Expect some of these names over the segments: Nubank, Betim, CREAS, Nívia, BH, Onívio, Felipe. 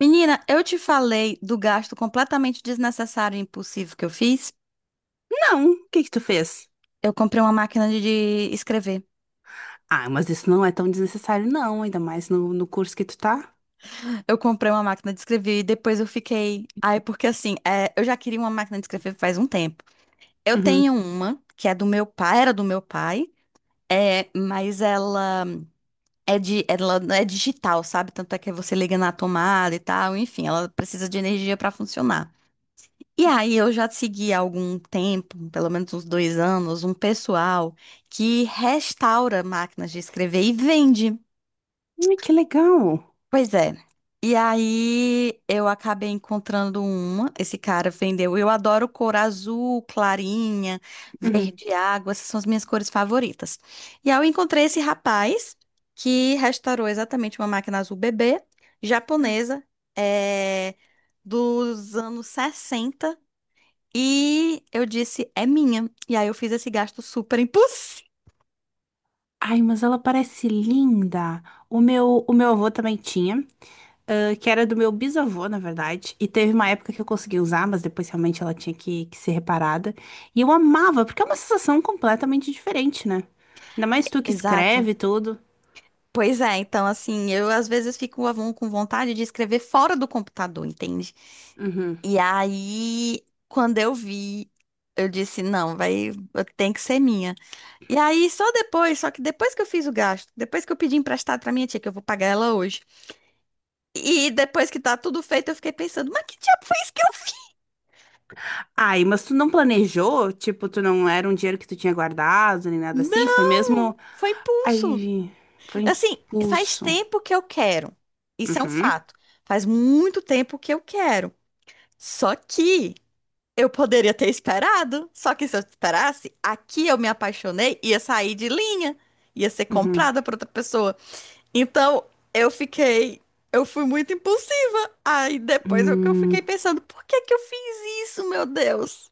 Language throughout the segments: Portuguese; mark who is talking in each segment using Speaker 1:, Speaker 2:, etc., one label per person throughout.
Speaker 1: Menina, eu te falei do gasto completamente desnecessário e impulsivo que eu fiz.
Speaker 2: Não, o que que tu fez?
Speaker 1: Eu comprei uma máquina de escrever.
Speaker 2: Ah, mas isso não é tão desnecessário, não, ainda mais no curso que tu tá.
Speaker 1: Eu comprei uma máquina de escrever e depois eu fiquei. Ai, porque assim, é, eu já queria uma máquina de escrever faz um tempo. Eu
Speaker 2: Uhum.
Speaker 1: tenho uma que é do meu pai, era do meu pai, é, mas ela é de, ela é digital, sabe? Tanto é que você liga na tomada e tal, enfim, ela precisa de energia para funcionar. E aí eu já segui há algum tempo, pelo menos uns dois anos, um pessoal que restaura máquinas de escrever e vende.
Speaker 2: Ai, que legal.
Speaker 1: Pois é. E aí eu acabei encontrando uma, esse cara vendeu. Eu adoro cor azul, clarinha,
Speaker 2: Uhum.
Speaker 1: verde água, essas são as minhas cores favoritas. E aí eu encontrei esse rapaz que restaurou exatamente uma máquina azul bebê, japonesa, é, dos anos 60, e eu disse, é minha. E aí eu fiz esse gasto super impulsivo.
Speaker 2: Ai, mas ela parece linda. O meu avô também tinha, ah, que era do meu bisavô, na verdade. E teve uma época que eu consegui usar, mas depois realmente ela tinha que ser reparada. E eu amava, porque é uma sensação completamente diferente, né? Ainda mais tu que
Speaker 1: Exato.
Speaker 2: escreve tudo.
Speaker 1: Pois é, então assim, eu às vezes fico com vontade de escrever fora do computador, entende?
Speaker 2: Uhum.
Speaker 1: E aí, quando eu vi, eu disse, não, vai, tem que ser minha. E aí, só depois, só que depois que eu fiz o gasto, depois que eu pedi emprestado pra minha tia, que eu vou pagar ela hoje, e depois que tá tudo feito, eu fiquei pensando, mas que diabo foi isso que eu fiz?
Speaker 2: Ai, mas tu não planejou? Tipo, tu não era um dinheiro que tu tinha guardado, nem nada assim? Foi
Speaker 1: Não,
Speaker 2: mesmo.
Speaker 1: foi
Speaker 2: Aí
Speaker 1: impulso.
Speaker 2: vi, foi
Speaker 1: Assim, faz
Speaker 2: impulso.
Speaker 1: tempo que eu quero. Isso é um
Speaker 2: Uhum,
Speaker 1: fato. Faz muito tempo que eu quero. Só que eu poderia ter esperado. Só que se eu esperasse, aqui eu me apaixonei, ia sair de linha, ia ser
Speaker 2: uhum.
Speaker 1: comprada por outra pessoa. Então, eu fiquei. Eu fui muito impulsiva. Aí depois eu, que eu
Speaker 2: Hum,
Speaker 1: fiquei pensando, por que que eu fiz isso, meu Deus?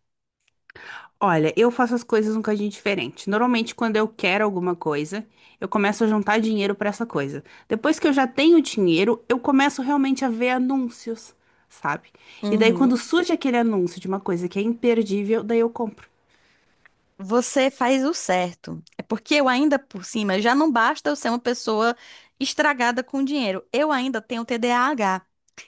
Speaker 2: olha, eu faço as coisas um bocadinho diferente. Normalmente, quando eu quero alguma coisa, eu começo a juntar dinheiro pra essa coisa. Depois que eu já tenho dinheiro, eu começo realmente a ver anúncios, sabe? E daí, quando
Speaker 1: Uhum.
Speaker 2: surge aquele anúncio de uma coisa que é imperdível, daí eu compro.
Speaker 1: Você faz o certo. É porque eu ainda por cima, já não basta eu ser uma pessoa estragada com dinheiro. Eu ainda tenho TDAH.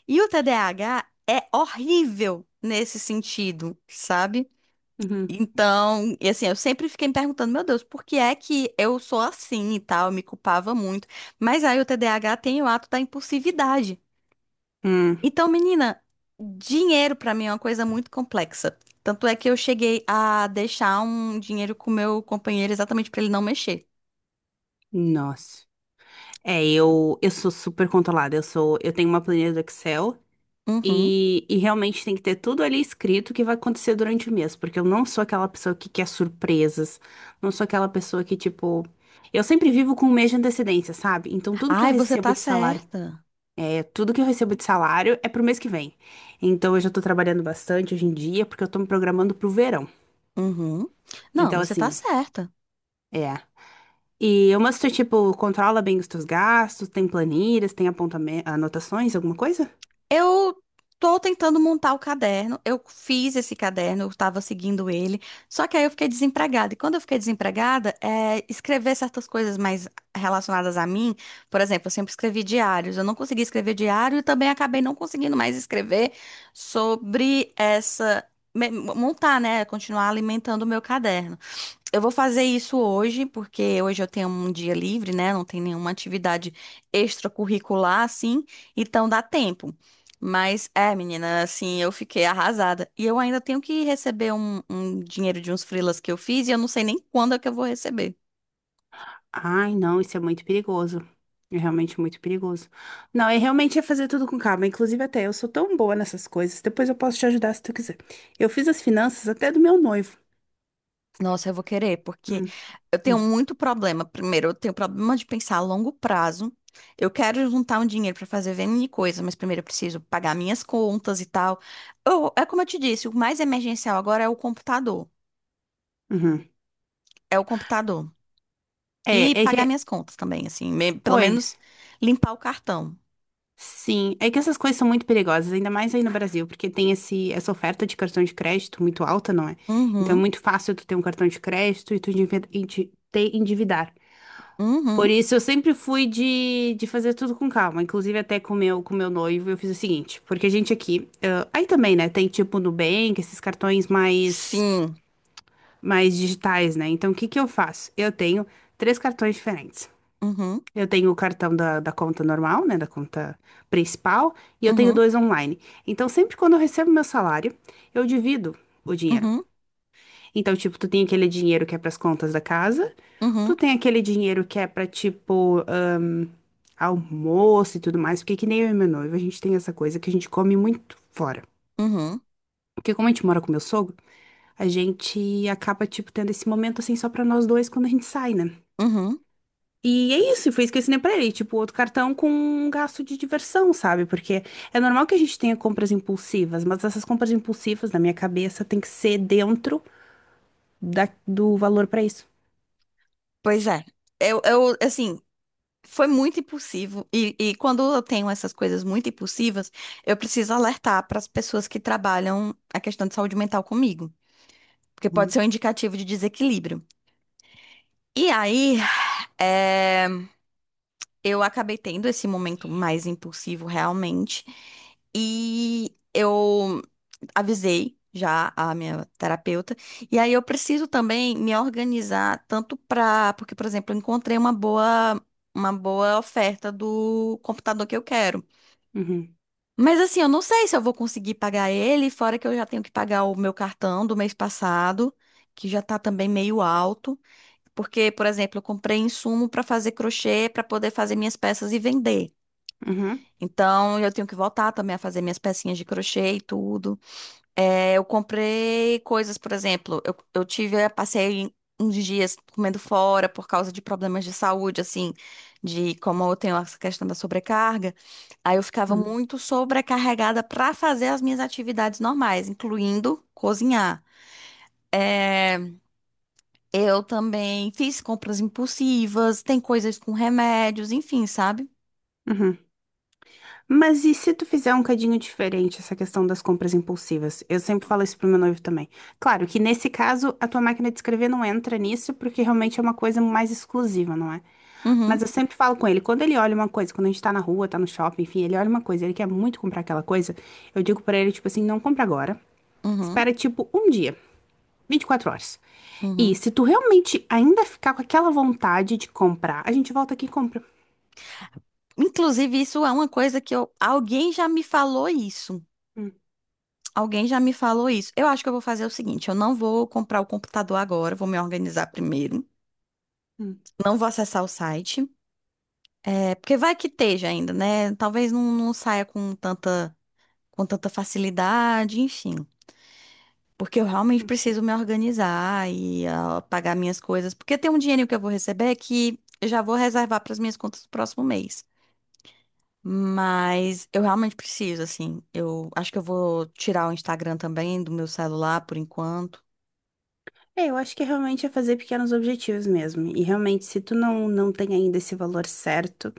Speaker 1: E o TDAH é horrível nesse sentido, sabe?
Speaker 2: Uhum.
Speaker 1: Então, e assim, eu sempre fiquei me perguntando, meu Deus, por que é que eu sou assim e tal? Eu me culpava muito. Mas aí o TDAH tem o ato da impulsividade.
Speaker 2: Hum,
Speaker 1: Então, menina, dinheiro pra mim é uma coisa muito complexa. Tanto é que eu cheguei a deixar um dinheiro com o meu companheiro exatamente pra ele não mexer.
Speaker 2: nossa. É, eu sou super controlada. Eu tenho uma planilha do Excel.
Speaker 1: Uhum.
Speaker 2: E realmente tem que ter tudo ali escrito o que vai acontecer durante o mês, porque eu não sou aquela pessoa que quer surpresas, não sou aquela pessoa que, tipo. Eu sempre vivo com um mês de antecedência, sabe? Então
Speaker 1: Ai, você tá certa.
Speaker 2: tudo que eu recebo de salário é pro mês que vem. Então eu já tô trabalhando bastante hoje em dia, porque eu tô me programando pro verão.
Speaker 1: Uhum. Não,
Speaker 2: Então,
Speaker 1: você tá
Speaker 2: assim,
Speaker 1: certa.
Speaker 2: é. E o Master, tipo, controla bem os teus gastos, tem planilhas, tem anotações, alguma coisa?
Speaker 1: Eu tô tentando montar o caderno. Eu fiz esse caderno, eu estava seguindo ele. Só que aí eu fiquei desempregada. E quando eu fiquei desempregada, é, escrever certas coisas mais relacionadas a mim, por exemplo, eu sempre escrevi diários. Eu não consegui escrever diário e também acabei não conseguindo mais escrever sobre essa. Montar, né? Continuar alimentando o meu caderno. Eu vou fazer isso hoje, porque hoje eu tenho um dia livre, né? Não tem nenhuma atividade extracurricular, assim, então dá tempo. Mas é, menina, assim, eu fiquei arrasada. E eu ainda tenho que receber um dinheiro de uns freelas que eu fiz e eu não sei nem quando é que eu vou receber.
Speaker 2: Ai, não, isso é muito perigoso. É realmente muito perigoso. Não, é realmente é fazer tudo com calma. Inclusive, até eu sou tão boa nessas coisas. Depois eu posso te ajudar se tu quiser. Eu fiz as finanças até do meu noivo.
Speaker 1: Nossa, eu vou querer, porque
Speaker 2: Hum,
Speaker 1: eu tenho
Speaker 2: hum,
Speaker 1: muito problema. Primeiro, eu tenho problema de pensar a longo prazo. Eu quero juntar um dinheiro para fazer N coisa, mas primeiro eu preciso pagar minhas contas e tal. Eu- é como eu te disse, o mais emergencial agora é o computador.
Speaker 2: uhum.
Speaker 1: É o computador.
Speaker 2: É,
Speaker 1: E
Speaker 2: é
Speaker 1: pagar
Speaker 2: que.
Speaker 1: minhas contas também, assim, pelo menos
Speaker 2: Pois.
Speaker 1: limpar o cartão.
Speaker 2: Sim. É que essas coisas são muito perigosas, ainda mais aí no Brasil, porque tem essa oferta de cartão de crédito muito alta, não é? Então é
Speaker 1: Uhum,
Speaker 2: muito fácil tu ter um cartão de crédito e te endividar. Por
Speaker 1: uhum,
Speaker 2: isso, eu sempre fui de fazer tudo com calma. Inclusive, até com com meu noivo, eu fiz o seguinte. Porque a gente aqui, ah, aí também, né? Tem tipo Nubank, esses cartões mais,
Speaker 1: sim.
Speaker 2: mais digitais, né? Então, o que que eu faço? Eu tenho três cartões diferentes.
Speaker 1: Uhum,
Speaker 2: Eu tenho o cartão da conta normal, né? Da conta principal. E eu tenho
Speaker 1: uhum,
Speaker 2: dois online. Então, sempre quando eu recebo meu salário, eu divido o dinheiro.
Speaker 1: uhum,
Speaker 2: Então, tipo, tu tem aquele dinheiro que é pras contas da casa, tu
Speaker 1: uhum,
Speaker 2: tem aquele dinheiro que é pra, tipo, almoço e tudo mais, porque que nem eu e meu noivo, a gente tem essa coisa que a gente come muito fora.
Speaker 1: uhum,
Speaker 2: Porque como a gente mora com meu sogro, a gente acaba, tipo, tendo esse momento assim só pra nós dois quando a gente sai, né?
Speaker 1: uhum.
Speaker 2: E é isso, e foi isso que eu ensinei pra ele, tipo, outro cartão com um gasto de diversão, sabe? Porque é normal que a gente tenha compras impulsivas, mas essas compras impulsivas, na minha cabeça, tem que ser dentro do valor pra isso.
Speaker 1: Pois é. Assim. Foi muito impulsivo. E quando eu tenho essas coisas muito impulsivas, eu preciso alertar para as pessoas que trabalham a questão de saúde mental comigo. Porque pode ser
Speaker 2: Uhum.
Speaker 1: um indicativo de desequilíbrio. E aí, eh, eu acabei tendo esse momento mais impulsivo realmente. E eu avisei já a minha terapeuta. E aí eu preciso também me organizar tanto para, porque, por exemplo, eu encontrei uma boa oferta do computador que eu quero.
Speaker 2: Uhum.
Speaker 1: Mas assim, eu não sei se eu vou conseguir pagar ele, fora que eu já tenho que pagar o meu cartão do mês passado, que já tá também meio alto, porque, por exemplo, eu comprei insumo para fazer crochê para poder fazer minhas peças e vender.
Speaker 2: Uhum,
Speaker 1: Então, eu tenho que voltar também a fazer minhas pecinhas de crochê e tudo. É, eu comprei coisas, por exemplo, eu tive, eu passei uns dias comendo fora por causa de problemas de saúde, assim, de como eu tenho essa questão da sobrecarga. Aí eu ficava
Speaker 2: uhum,
Speaker 1: muito sobrecarregada para fazer as minhas atividades normais, incluindo cozinhar. É, eu também fiz compras impulsivas, tem coisas com remédios, enfim, sabe?
Speaker 2: uhum. Mas e se tu fizer um cadinho diferente essa questão das compras impulsivas? Eu sempre falo isso pro meu noivo também. Claro que nesse caso a tua máquina de escrever não entra nisso porque realmente é uma coisa mais exclusiva, não é? Mas
Speaker 1: Uhum,
Speaker 2: eu sempre falo com ele, quando ele olha uma coisa, quando a gente tá na rua, tá no shopping, enfim, ele olha uma coisa, ele quer muito comprar aquela coisa, eu digo pra ele tipo assim, não compra agora.
Speaker 1: uhum,
Speaker 2: Espera tipo um dia, 24 horas. E
Speaker 1: uhum.
Speaker 2: se tu realmente ainda ficar com aquela vontade de comprar, a gente volta aqui e compra.
Speaker 1: Inclusive, isso é uma coisa que eu, alguém já me falou isso. Alguém já me falou isso. Eu acho que eu vou fazer o seguinte: eu não vou comprar o computador agora, vou me organizar primeiro.
Speaker 2: Hum.
Speaker 1: Não vou acessar o site, é, porque vai que esteja ainda, né? Talvez não, não saia com tanta facilidade, enfim. Porque eu realmente preciso me organizar e ah, pagar minhas coisas. Porque tem um dinheiro que eu vou receber que eu já vou reservar para as minhas contas do próximo mês. Mas eu realmente preciso, assim. Eu acho que eu vou tirar o Instagram também do meu celular por enquanto.
Speaker 2: É, eu acho que é realmente é fazer pequenos objetivos mesmo. E realmente, se tu não tem ainda esse valor certo,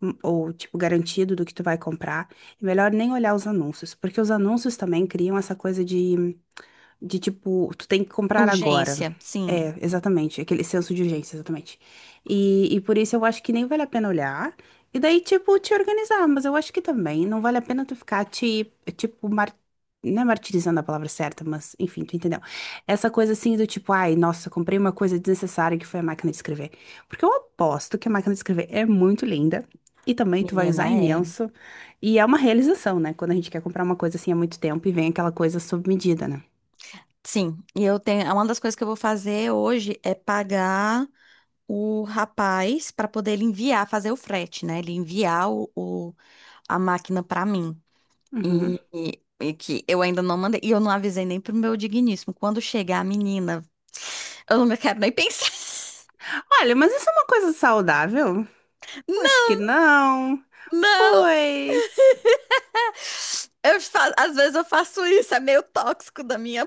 Speaker 2: ou tipo, garantido do que tu vai comprar, é melhor nem olhar os anúncios, porque os anúncios também criam essa coisa de tipo, tu tem que comprar agora.
Speaker 1: Urgência, sim.
Speaker 2: É, exatamente. Aquele senso de urgência, exatamente. E por isso eu acho que nem vale a pena olhar. E daí, tipo, te organizar. Mas eu acho que também não vale a pena tu ficar não é martirizando a palavra certa, mas enfim, tu entendeu? Essa coisa assim do tipo, ai, nossa, comprei uma coisa desnecessária que foi a máquina de escrever. Porque eu aposto que a máquina de escrever é muito linda. E também tu vai usar
Speaker 1: Menina, é.
Speaker 2: imenso. E é uma realização, né? Quando a gente quer comprar uma coisa assim há muito tempo e vem aquela coisa sob medida, né?
Speaker 1: Sim. E eu tenho. Uma das coisas que eu vou fazer hoje é pagar o rapaz para poder ele enviar, fazer o frete, né? Ele enviar a máquina para mim.
Speaker 2: Uhum.
Speaker 1: E que eu ainda não mandei. E eu não avisei nem pro meu digníssimo. Quando chegar a menina, eu não quero nem pensar.
Speaker 2: Olha, mas isso é uma coisa saudável? Eu acho que não.
Speaker 1: Não!
Speaker 2: Pois
Speaker 1: Às vezes eu faço isso, é meio tóxico da minha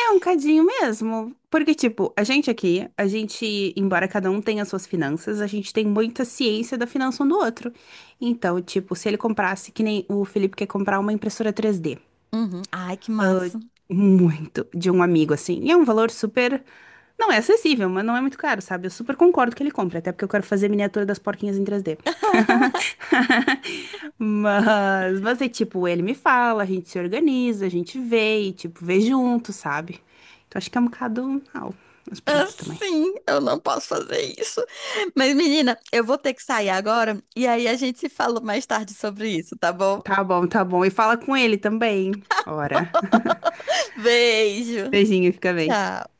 Speaker 2: é um cadinho mesmo. Porque, tipo, a gente aqui, a gente, embora cada um tenha suas finanças, a gente tem muita ciência da finança um do outro. Então, tipo, se ele comprasse, que nem o Felipe quer comprar uma impressora 3D.
Speaker 1: Uhum. Ai, que
Speaker 2: Ah,
Speaker 1: massa.
Speaker 2: muito de um amigo, assim. E é um valor super. Não é acessível, mas não é muito caro, sabe? Eu super concordo que ele compre, até porque eu quero fazer miniatura das porquinhas em 3D. Mas é tipo, ele me fala, a gente se organiza, a gente vê e, tipo, vê junto, sabe? Então acho que é um bocado. Ah, mas pronto também.
Speaker 1: Assim, eu não posso fazer isso. Mas, menina, eu vou ter que sair agora e aí a gente se fala mais tarde sobre isso, tá bom?
Speaker 2: Tá bom, tá bom. E fala com ele também. Ora.
Speaker 1: Beijo.
Speaker 2: Beijinho, fica bem.
Speaker 1: Tchau.